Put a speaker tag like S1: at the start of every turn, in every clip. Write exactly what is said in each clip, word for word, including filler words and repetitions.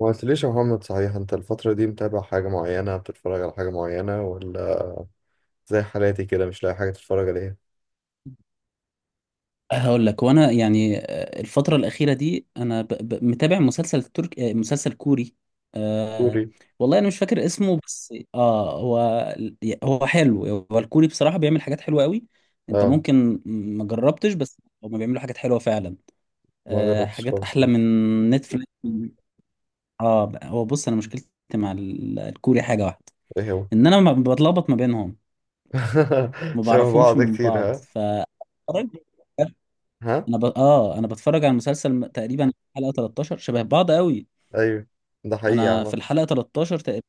S1: ما قلتليش يا محمد، صحيح انت الفترة دي متابع حاجة معينة، بتتفرج على حاجة معينة ولا زي حالاتي كده مش لاقي حاجة تتفرج عليها؟
S2: هقول لك وانا يعني آه، الفترة الأخيرة دي انا ب... ب... متابع مسلسل ترك، آه، مسلسل كوري. أه...
S1: كوري.
S2: والله انا مش فاكر اسمه، بس اه هو هو حلو. هو الكوري بصراحة بيعمل حاجات حلوة قوي. انت
S1: اه،
S2: ممكن ما جربتش، بس هما بيعملوا حاجات حلوة فعلا.
S1: ما
S2: أه...
S1: جربتش
S2: حاجات
S1: خالص،
S2: احلى
S1: لا.
S2: من نتفليكس. اه هو بص، انا مشكلتي مع ال- الكوري حاجة واحدة،
S1: ايه هو؟
S2: ان انا ما بتلخبط ما بينهم، ما
S1: شبه
S2: بعرفهمش
S1: بعض
S2: من
S1: كتير،
S2: بعض.
S1: ها.
S2: ف
S1: ها.
S2: انا ب... اه انا بتفرج على المسلسل م- تقريبا حلقة تلتاشر، شبه بعض قوي.
S1: ايوه، ده حقيقي يا
S2: انا في
S1: عم.
S2: الحلقة تلتاشر تقريبا،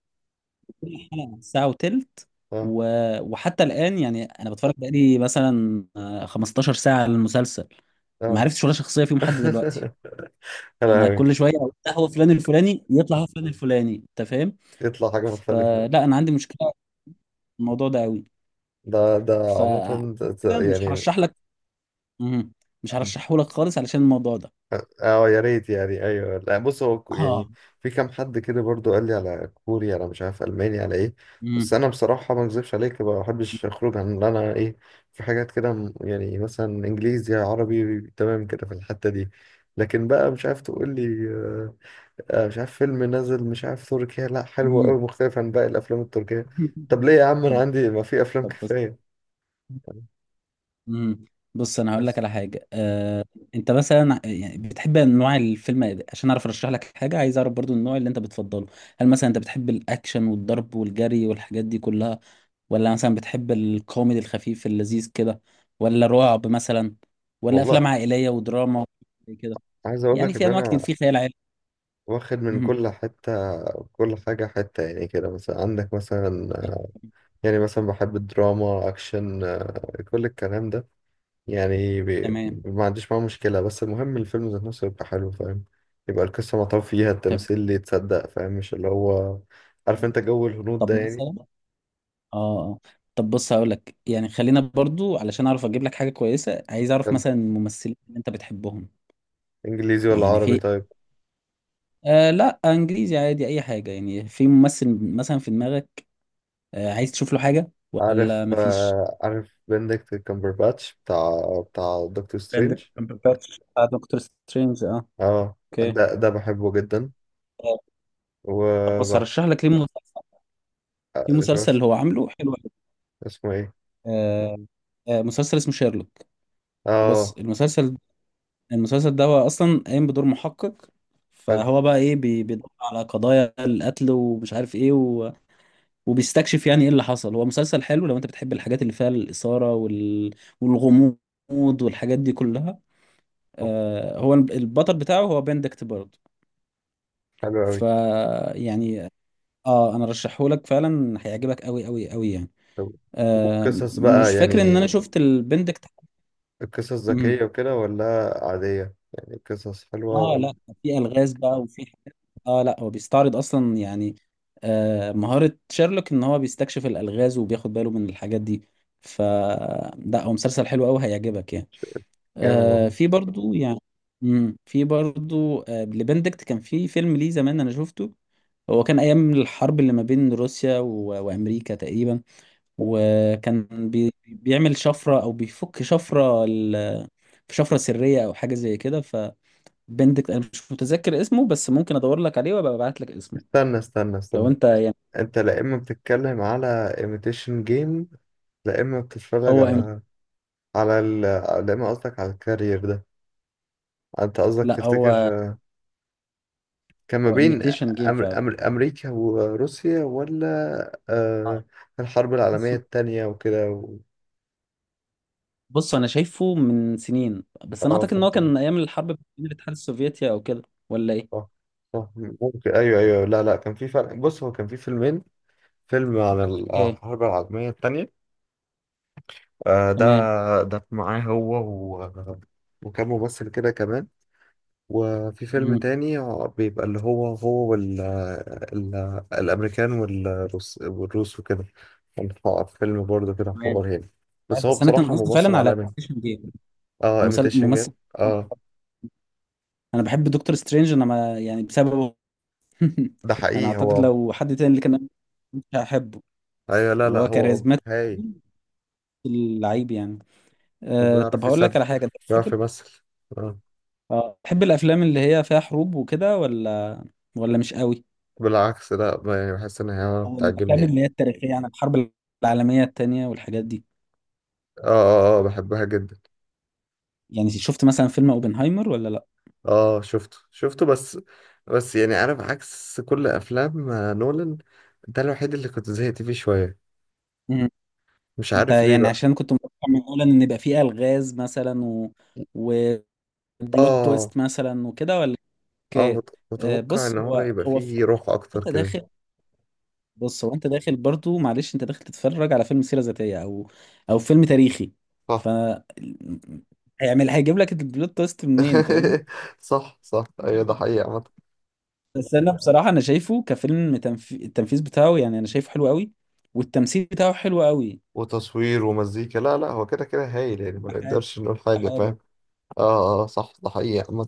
S2: حلقة ساعة وتلت.
S1: اه،
S2: و... وحتى الآن يعني انا بتفرج بقالي مثلا آه، خمستاشر ساعة على المسلسل، ما
S1: اه.
S2: عرفتش ولا شخصية فيهم حد دلوقتي.
S1: يا
S2: انا
S1: لهوي.
S2: كل شوية أقول ده هو فلان الفلاني، يطلع هو فلان الفلاني، انت فاهم؟
S1: يطلع حاجة مختلفة.
S2: فلا انا عندي مشكلة في الموضوع ده قوي.
S1: ده ده
S2: ف
S1: عامة. ده-
S2: كده
S1: ده
S2: مش
S1: يعني،
S2: هرشح لك. مهم. مش هرشحه لك خالص علشان الموضوع ده.
S1: اه، يا ريت يعني، ايوه، لا، بص، هو ك- يعني،
S2: اه.
S1: في كام حد كده برضو قال لي على كوري، على مش عارف الماني، على ايه. بس
S2: مهم.
S1: انا بصراحه ما اكذبش عليك، ما بحبش اخرج عن اللي انا ايه. في حاجات كده، م- يعني مثلا انجليزي، عربي، تمام كده في الحته دي. لكن بقى مش عارف تقول لي، آه، آه، مش عارف فيلم نازل، مش عارف، تركيا، لا حلو قوي،
S2: مهم.
S1: مختلف عن باقي الافلام التركيه. طب ليه يا عم، انا
S2: طب.
S1: عندي، ما في افلام
S2: طب بص.
S1: كفايه؟
S2: مم. بص انا هقول لك
S1: بس.
S2: على حاجه. آه، انت مثلا يعني بتحب انواع الفيلم إيه؟ عشان اعرف ارشح لك حاجه، عايز اعرف برضو النوع اللي انت بتفضله. هل مثلا انت بتحب الاكشن والضرب والجري والحاجات دي كلها، ولا مثلا بتحب الكوميدي الخفيف اللذيذ كده، ولا رعب مثلا، ولا افلام
S1: والله،
S2: عائليه ودراما زي كده؟
S1: عايز اقول
S2: يعني
S1: لك ان
S2: في انواع كتير،
S1: انا
S2: في خيال علمي.
S1: واخد من
S2: مم.
S1: كل حتة. كل حاجة حتة يعني، كده مثلا عندك، مثلا يعني، مثلا بحب الدراما، أكشن، آه، كل الكلام ده. يعني بي-
S2: تمام.
S1: ما عنديش معاه مشكلة، بس المهم الفيلم ذات نفسه يبقى حلو، فاهم. يبقى القصة مطوب فيها،
S2: تمام.
S1: التمثيل اللي يتصدق، فاهم، مش اللي هو. عارف انت جو الهنود
S2: طب
S1: ده
S2: مثلا.
S1: يعني.
S2: اه آه. طب بص، هقول لك يعني، خلينا برضو، علشان اعرف اجيب لك حاجه كويسه عايز اعرف
S1: يلا،
S2: مثلا الممثلين اللي انت بتحبهم.
S1: انجليزي ولا
S2: يعني
S1: عربي،
S2: في.
S1: طيب.
S2: آه لا، انجليزي عادي اي حاجه. يعني في ممثل مثلا في دماغك آه عايز تشوف له حاجه
S1: عارف،
S2: ولا مفيش؟
S1: آه، عارف بندكت كامبرباتش بتاع بتاع دكتور
S2: بند
S1: سترينج.
S2: كامبرباتش بتاع دكتور سترينج، اه.
S1: اه،
S2: اوكي.
S1: ده ده بحبه جدا.
S2: آه، طب بص
S1: وبح
S2: هرشح لك ليه مسلسل. في مسلسل اللي هو عامله حلو أوي.
S1: اسمه ايه؟
S2: آه آه مسلسل اسمه شيرلوك. بص.
S1: اه.
S2: المسلسل المسلسل ده هو اصلا قايم بدور محقق،
S1: حلو
S2: فهو بقى ايه بي- بيدور على قضايا القتل ومش عارف ايه، و... وبيستكشف يعني ايه اللي حصل. هو مسلسل حلو لو انت بتحب الحاجات اللي فيها الاثاره وال... والغموض والحاجات دي كلها. آه هو الب- البطل بتاعه هو بندكت برضه.
S1: حلو قوي.
S2: ف يعني اه انا رشحهولك فعلا، هيعجبك قوي قوي قوي يعني.
S1: طب،
S2: آه
S1: وقصص
S2: مش
S1: بقى
S2: فاكر ان
S1: يعني،
S2: انا شفت البندكت.
S1: القصص
S2: مم.
S1: ذكية وكده ولا عادية، يعني قصص حلوة
S2: اه،
S1: ولا؟
S2: لا، في الغاز بقى، وفي، اه لا، هو بيستعرض اصلا يعني آه مهارة شيرلوك ان هو بيستكشف الالغاز، وبياخد باله من الحاجات دي. ف لا، هو مسلسل حلو قوي هيعجبك يعني.
S1: جامد
S2: آه
S1: والله.
S2: في برضو يعني، مم، في برضو آه لبندكت كان في فيلم ليه زمان انا شفته. هو كان ايام الحرب اللي ما بين روسيا و... وامريكا تقريبا، وكان بي... بيعمل شفرة او بيفك شفرة ال... في شفرة سرية او حاجة زي كده. ف بندكت، انا مش متذكر اسمه، بس ممكن ادور لك عليه وابقى ابعت لك اسمه،
S1: استنى، استنى،
S2: لو
S1: استنى.
S2: انت يعني.
S1: انت، لا اما بتتكلم على ايميتيشن جيم، لا اما بتتفرج
S2: هو إم...
S1: على على ال... لا اما قصدك على الكارير ده؟ انت قصدك
S2: لا،
S1: تفتكر،
S2: هو
S1: آه، كان ما
S2: هو
S1: بين
S2: ايميتيشن جيم
S1: أمر...
S2: فعلا.
S1: أمر... امريكا وروسيا، ولا آه... الحرب
S2: بص
S1: العالمية التانية وكده و...
S2: بص انا شايفه من سنين، بس انا
S1: اه،
S2: اعتقد ان هو
S1: فهمت.
S2: كان ايام الحرب بين الاتحاد السوفيتي او كده، ولا ايه؟
S1: صح، صح، ممكن، ايوه، ايوه، لا، لا، كان في فرق، بص هو كان في فيلمين. فيلم عن
S2: اوكي.
S1: الحرب العالميه الثانيه، ده.
S2: تمام.
S1: ده معاه هو و... وكان ممثل كده كمان. وفي فيلم
S2: مم.
S1: تاني، آه، بيبقى اللي هو هو وال... ال... الامريكان والروس والروس وكده. كان ح- فيلم برضه كده،
S2: تمام.
S1: حوار يعني. بس هو
S2: بس انا كان
S1: بصراحه
S2: قصدي
S1: ممثل
S2: فعلا على
S1: عالمي.
S2: ايميتيشن جيم.
S1: اه،
S2: هو مسل-
S1: ايميتيشن
S2: ممثل،
S1: جيم، اه.
S2: انا بحب دكتور سترينج، انا ما يعني بسببه.
S1: ده
S2: انا
S1: حقيقي
S2: اعتقد
S1: هو.
S2: لو حد تاني اللي كان، مش هحبه.
S1: ايوه، لا، لا،
S2: هو
S1: هو
S2: كاريزماتيك،
S1: هايل.
S2: اللعيب يعني. أه طب
S1: وبيعرف
S2: هقول
S1: يسد.
S2: لك على حاجه.
S1: بيعرف يمثل. اه.
S2: اه تحب الافلام اللي هي فيها حروب وكده ولا، ولا مش قوي؟
S1: بالعكس لا، ما- يعني بحس ان هي
S2: او
S1: بتعجبني
S2: الافلام
S1: يعني.
S2: اللي هي التاريخيه عن الحرب العالميه التانية والحاجات دي،
S1: اه، اه، اه، بحبها جدا.
S2: يعني شفت مثلا فيلم اوبنهايمر ولا لا؟
S1: اه، شفته شفته، بس بس يعني انا بعكس كل افلام آه، نولان، ده الوحيد اللي كنت زهقت فيه شوية.
S2: مم.
S1: مش
S2: انت
S1: عارف ليه
S2: يعني
S1: بقى.
S2: عشان كنت متوقع من اولا ان يبقى فيه الغاز مثلا و... وبلوت
S1: اه،
S2: تويست مثلا وكده، ولا
S1: اه،
S2: ك...
S1: مت-
S2: آه،
S1: متوقع
S2: بص
S1: ان هو
S2: هو
S1: يبقى
S2: هو ف-
S1: فيه روح اكتر
S2: انت
S1: كده.
S2: داخل. بص، هو انت داخل برضو، معلش، انت داخل تتفرج على فيلم سيره ذاتيه، او او فيلم تاريخي.
S1: صح.
S2: ف هيعمل هيجيب لك البلوت تويست منين، فاهمني؟
S1: صح، صح، ايوه، ده حقيقي، عامة.
S2: بس انا بصراحه انا شايفه كفيلم، تنف... التنفيذ بتاعه يعني انا شايفه حلو قوي، والتمثيل بتاعه حلو قوي.
S1: وتصوير ومزيكا، لا، لا، هو كده كده هايل يعني،
S2: كل
S1: ما
S2: حاجه،
S1: نقدرش نقول
S2: كل
S1: حاجة،
S2: حاجه.
S1: فاهم. اه، اه، صح، ده حقيقي، عامة.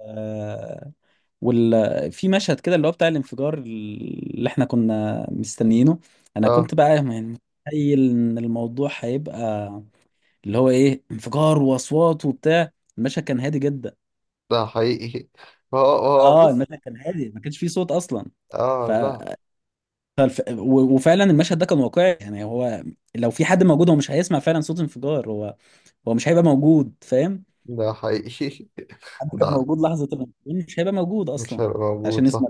S2: آه... وال... في مشهد كده اللي هو بتاع الانفجار اللي احنا كنا مستنيينه، انا
S1: اه،
S2: كنت بقى يعني متخيل ان الموضوع هيبقى اللي هو ايه، انفجار واصوات وبتاع. المشهد كان هادي جدا.
S1: ده حقيقي. هو هو
S2: اه
S1: بص.
S2: المشهد كان هادي، ما كانش فيه صوت اصلا. ف
S1: اه، لا،
S2: فالف- و- وفعلا المشهد ده كان واقعي يعني. هو لو في حد موجود، هو مش هيسمع فعلا صوت انفجار. هو هو مش هيبقى موجود، فاهم.
S1: ده حقيقي.
S2: حد كان
S1: ده
S2: موجود لحظة الانفجار، مش هيبقى موجود
S1: مش
S2: اصلا
S1: هيبقى موجود،
S2: عشان
S1: صح.
S2: يسمع.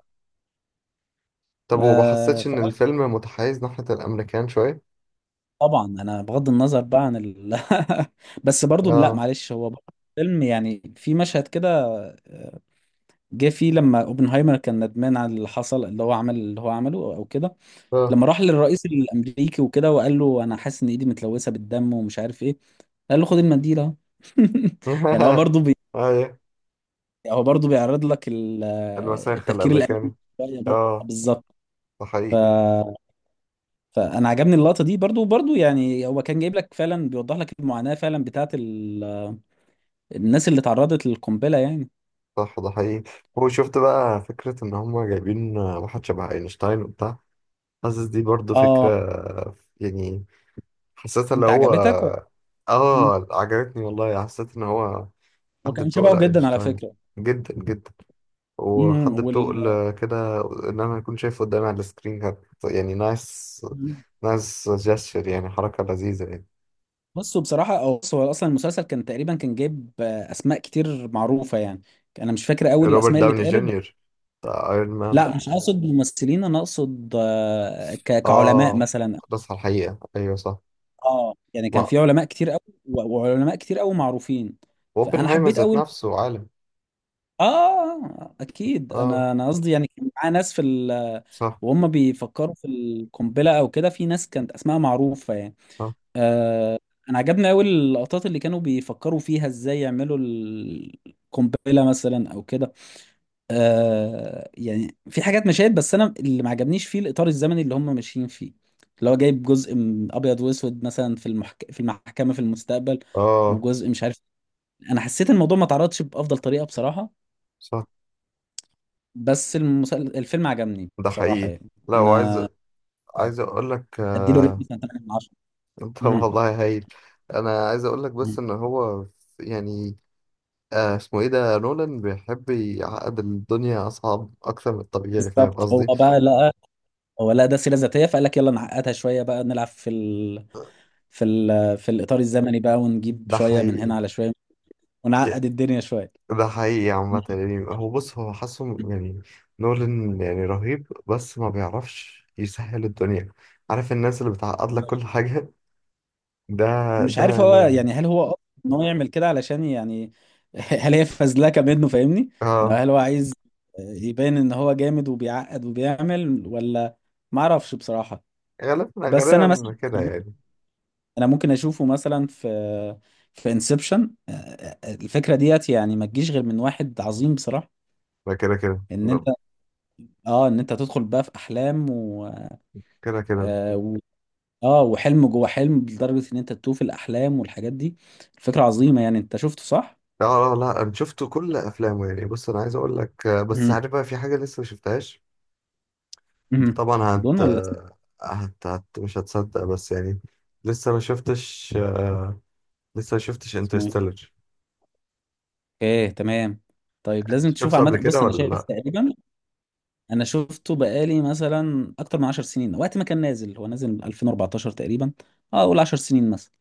S1: طب، وما
S2: آه
S1: حسيتش
S2: ف-
S1: ان الفيلم متحيز ناحية الامريكان شوية؟
S2: طبعا انا بغض النظر بقى عن ال... بس برضو، لا
S1: اه،
S2: معلش، هو برضو فيلم يعني. في مشهد كده جه فيه لما اوبنهايمر كان ندمان على اللي حصل، اللي هو عمل اللي هو عمله او كده.
S1: اه،
S2: لما راح للرئيس الامريكي وكده وقال له: انا حاسس ان ايدي متلوثه بالدم ومش عارف ايه، قال له: خد المنديل اهو. يعني هو برضه بي...
S1: ايوه،
S2: هو برضه بيعرض لك ال-
S1: الوساخة
S2: التفكير الامريكي
S1: الامريكاني.
S2: شوية برضه، آه،
S1: اه،
S2: بالظبط.
S1: ده
S2: ف...
S1: حقيقي.
S2: فانا عجبني اللقطه دي برضه برضه يعني، هو كان جايب لك فعلا، بيوضح لك المعاناه فعلا بتاعت ال... الناس اللي تعرضت للقنبله يعني.
S1: صح، ده حقيقي. هو شفت بقى فكرة ان هم جايبين واحد شبه اينشتاين وبتاع، حاسس دي برضو فكرة،
S2: اه،
S1: يعني، حسيتها اللي
S2: انت
S1: هو،
S2: عجبتك و... مم.
S1: اه، عجبتني والله، حسيت ان هو حد
S2: وكان
S1: بتقل
S2: شبهه جدا على
S1: اينشتاين،
S2: فكره.
S1: جدا جدا،
S2: امم
S1: وحد
S2: وال...
S1: بتقل كده، ان انا اكون شايفه قدامي على السكرين كانت يعني نايس، نايس جستشر، يعني حركة لذيذة يعني.
S2: بصوا بصراحة أو بص، هو أصلا المسلسل كان تقريبا كان جايب آه، أسماء كتير معروفة يعني. أنا مش فاكر أوي
S1: روبرت
S2: الأسماء اللي
S1: داوني
S2: اتقالت بس.
S1: جونيور، بتاع ايرون مان.
S2: لا، مش أقصد ممثلين، أنا أقصد آه، ك- كعلماء
S1: اه،
S2: مثلا.
S1: خلاص، على الحقيقة، ايوه، صح.
S2: أه يعني كان
S1: ما،
S2: في علماء كتير أوي، و- وعلماء كتير أوي معروفين، فأنا
S1: اوبنهايمر
S2: حبيت
S1: ذات
S2: أوي.
S1: نفسه عالم.
S2: آه آه، أكيد،
S1: اه،
S2: أنا أنا قصدي يعني كان معاه ناس في ال،
S1: صح،
S2: وهم بيفكروا في القنبلة أو كده، في ناس كانت أسماء معروفة يعني.
S1: صح.
S2: آه، انا عجبني قوي اللقطات اللي كانوا بيفكروا فيها ازاي يعملوا القنبله مثلا او كده. آه، يعني في حاجات، مشاهد، بس انا اللي ما عجبنيش فيه الاطار الزمني اللي هم ماشيين فيه. اللي هو جايب جزء من ابيض واسود مثلا في المحك... في المحكمه في المستقبل،
S1: اه،
S2: وجزء مش عارف. انا حسيت الموضوع ما اتعرضش بافضل طريقه بصراحه.
S1: صح،
S2: بس المسل... الفيلم عجبني
S1: ده
S2: بصراحه
S1: حقيقي.
S2: يعني.
S1: لا، وعايز،
S2: انا
S1: عايز اقول لك،
S2: اديله ريت
S1: آه...
S2: مثلا تمانية من عشرة.
S1: طب
S2: مم.
S1: والله هايل. انا عايز اقول لك بس
S2: مم.
S1: ان هو يعني، آه اسمه ايه ده نولان، بيحب يعقد الدنيا اصعب اكتر من الطبيعي، فاهم
S2: بالظبط.
S1: قصدي.
S2: هو بقى، لا، هو لا، ده سيره ذاتيه، فقال لك يلا نعقدها شويه بقى، نلعب في ال... في ال... في الاطار الزمني بقى، ونجيب
S1: ده
S2: شويه من هنا
S1: حقيقي.
S2: على شويه، ونعقد الدنيا شويه.
S1: ده حقيقي عامة يعني، هو بص، هو حاسه يعني. نولان يعني رهيب، بس ما بيعرفش يسهل الدنيا. عارف الناس اللي بتعقد لك كل حاجة، ده
S2: مش
S1: ده
S2: عارف هو
S1: نولان.
S2: يعني، هل هو قصد ان هو يعمل كده علشان يعني هل هي فزلكه منه فاهمني؟ يعني
S1: اه،
S2: هل هو عايز يبين ان هو جامد وبيعقد وبيعمل ولا، ما اعرفش بصراحه.
S1: غالبا
S2: بس انا مثلا،
S1: غالبا كده يعني.
S2: انا ممكن اشوفه مثلا في في انسبشن، الفكره ديت يعني ما تجيش غير من واحد عظيم بصراحه.
S1: لا، كده كده
S2: ان
S1: لا.
S2: انت اه ان انت تدخل بقى في احلام، و
S1: كده كده،
S2: اه و- آه، وحلم جوه حلم، لدرجة ان انت تتوه في الاحلام والحاجات دي. الفكرة عظيمة، يعني انت شفته صح؟
S1: لا، لا، لا، انا شفت كل افلامه يعني. بص انا عايز اقول لك، آه، بس
S2: امم
S1: عارف بقى في حاجة لسه ما شفتهاش.
S2: امم
S1: انت طبعا
S2: دون
S1: هت...
S2: ولا اسم-
S1: هت... هت... مش هتصدق بس يعني، لسه ما شفتش، لسه ما شفتش
S2: اسمه ايه؟
S1: انترستيلر.
S2: ايه تمام. طيب
S1: انت
S2: لازم تشوف
S1: شفته قبل
S2: عامة.
S1: كده
S2: بص انا
S1: ولا
S2: شايف
S1: لا؟
S2: تقريبا، انا شفته بقالي مثلا اكتر من عشر سنين، وقت ما كان نازل، هو نازل ألفين وأربعتاشر تقريبا. اه اقول عشر سنين مثلا.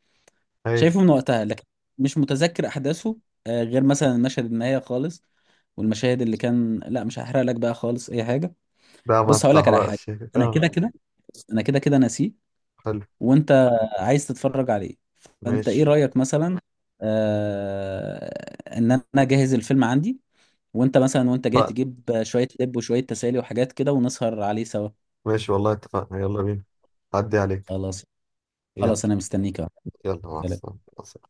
S1: هايل.
S2: شايفه من وقتها، لكن مش متذكر احداثه، آه غير مثلا المشهد النهاية خالص والمشاهد اللي كان. لا، مش هحرق لك بقى خالص اي حاجة.
S1: ده ما
S2: بص هقول لك على حاجه.
S1: تحرقش.
S2: انا
S1: اه،
S2: كده كده انا كده كده ناسيه،
S1: حلو،
S2: وانت عايز تتفرج عليه. فانت ايه
S1: ماشي،
S2: رايك مثلا آه ان انا اجهز الفيلم عندي، وانت مثلا، وانت جاي
S1: اتفقنا.
S2: تجيب شويه لب وشويه تسالي وحاجات كده، ونسهر عليه سوا؟
S1: ماشي والله، اتفقنا، يلا بينا. عدي عليك.
S2: خلاص.
S1: يلا.
S2: خلاص انا مستنيك أهو.
S1: يلا، مع
S2: سلام.
S1: السلامة، مع السلامة.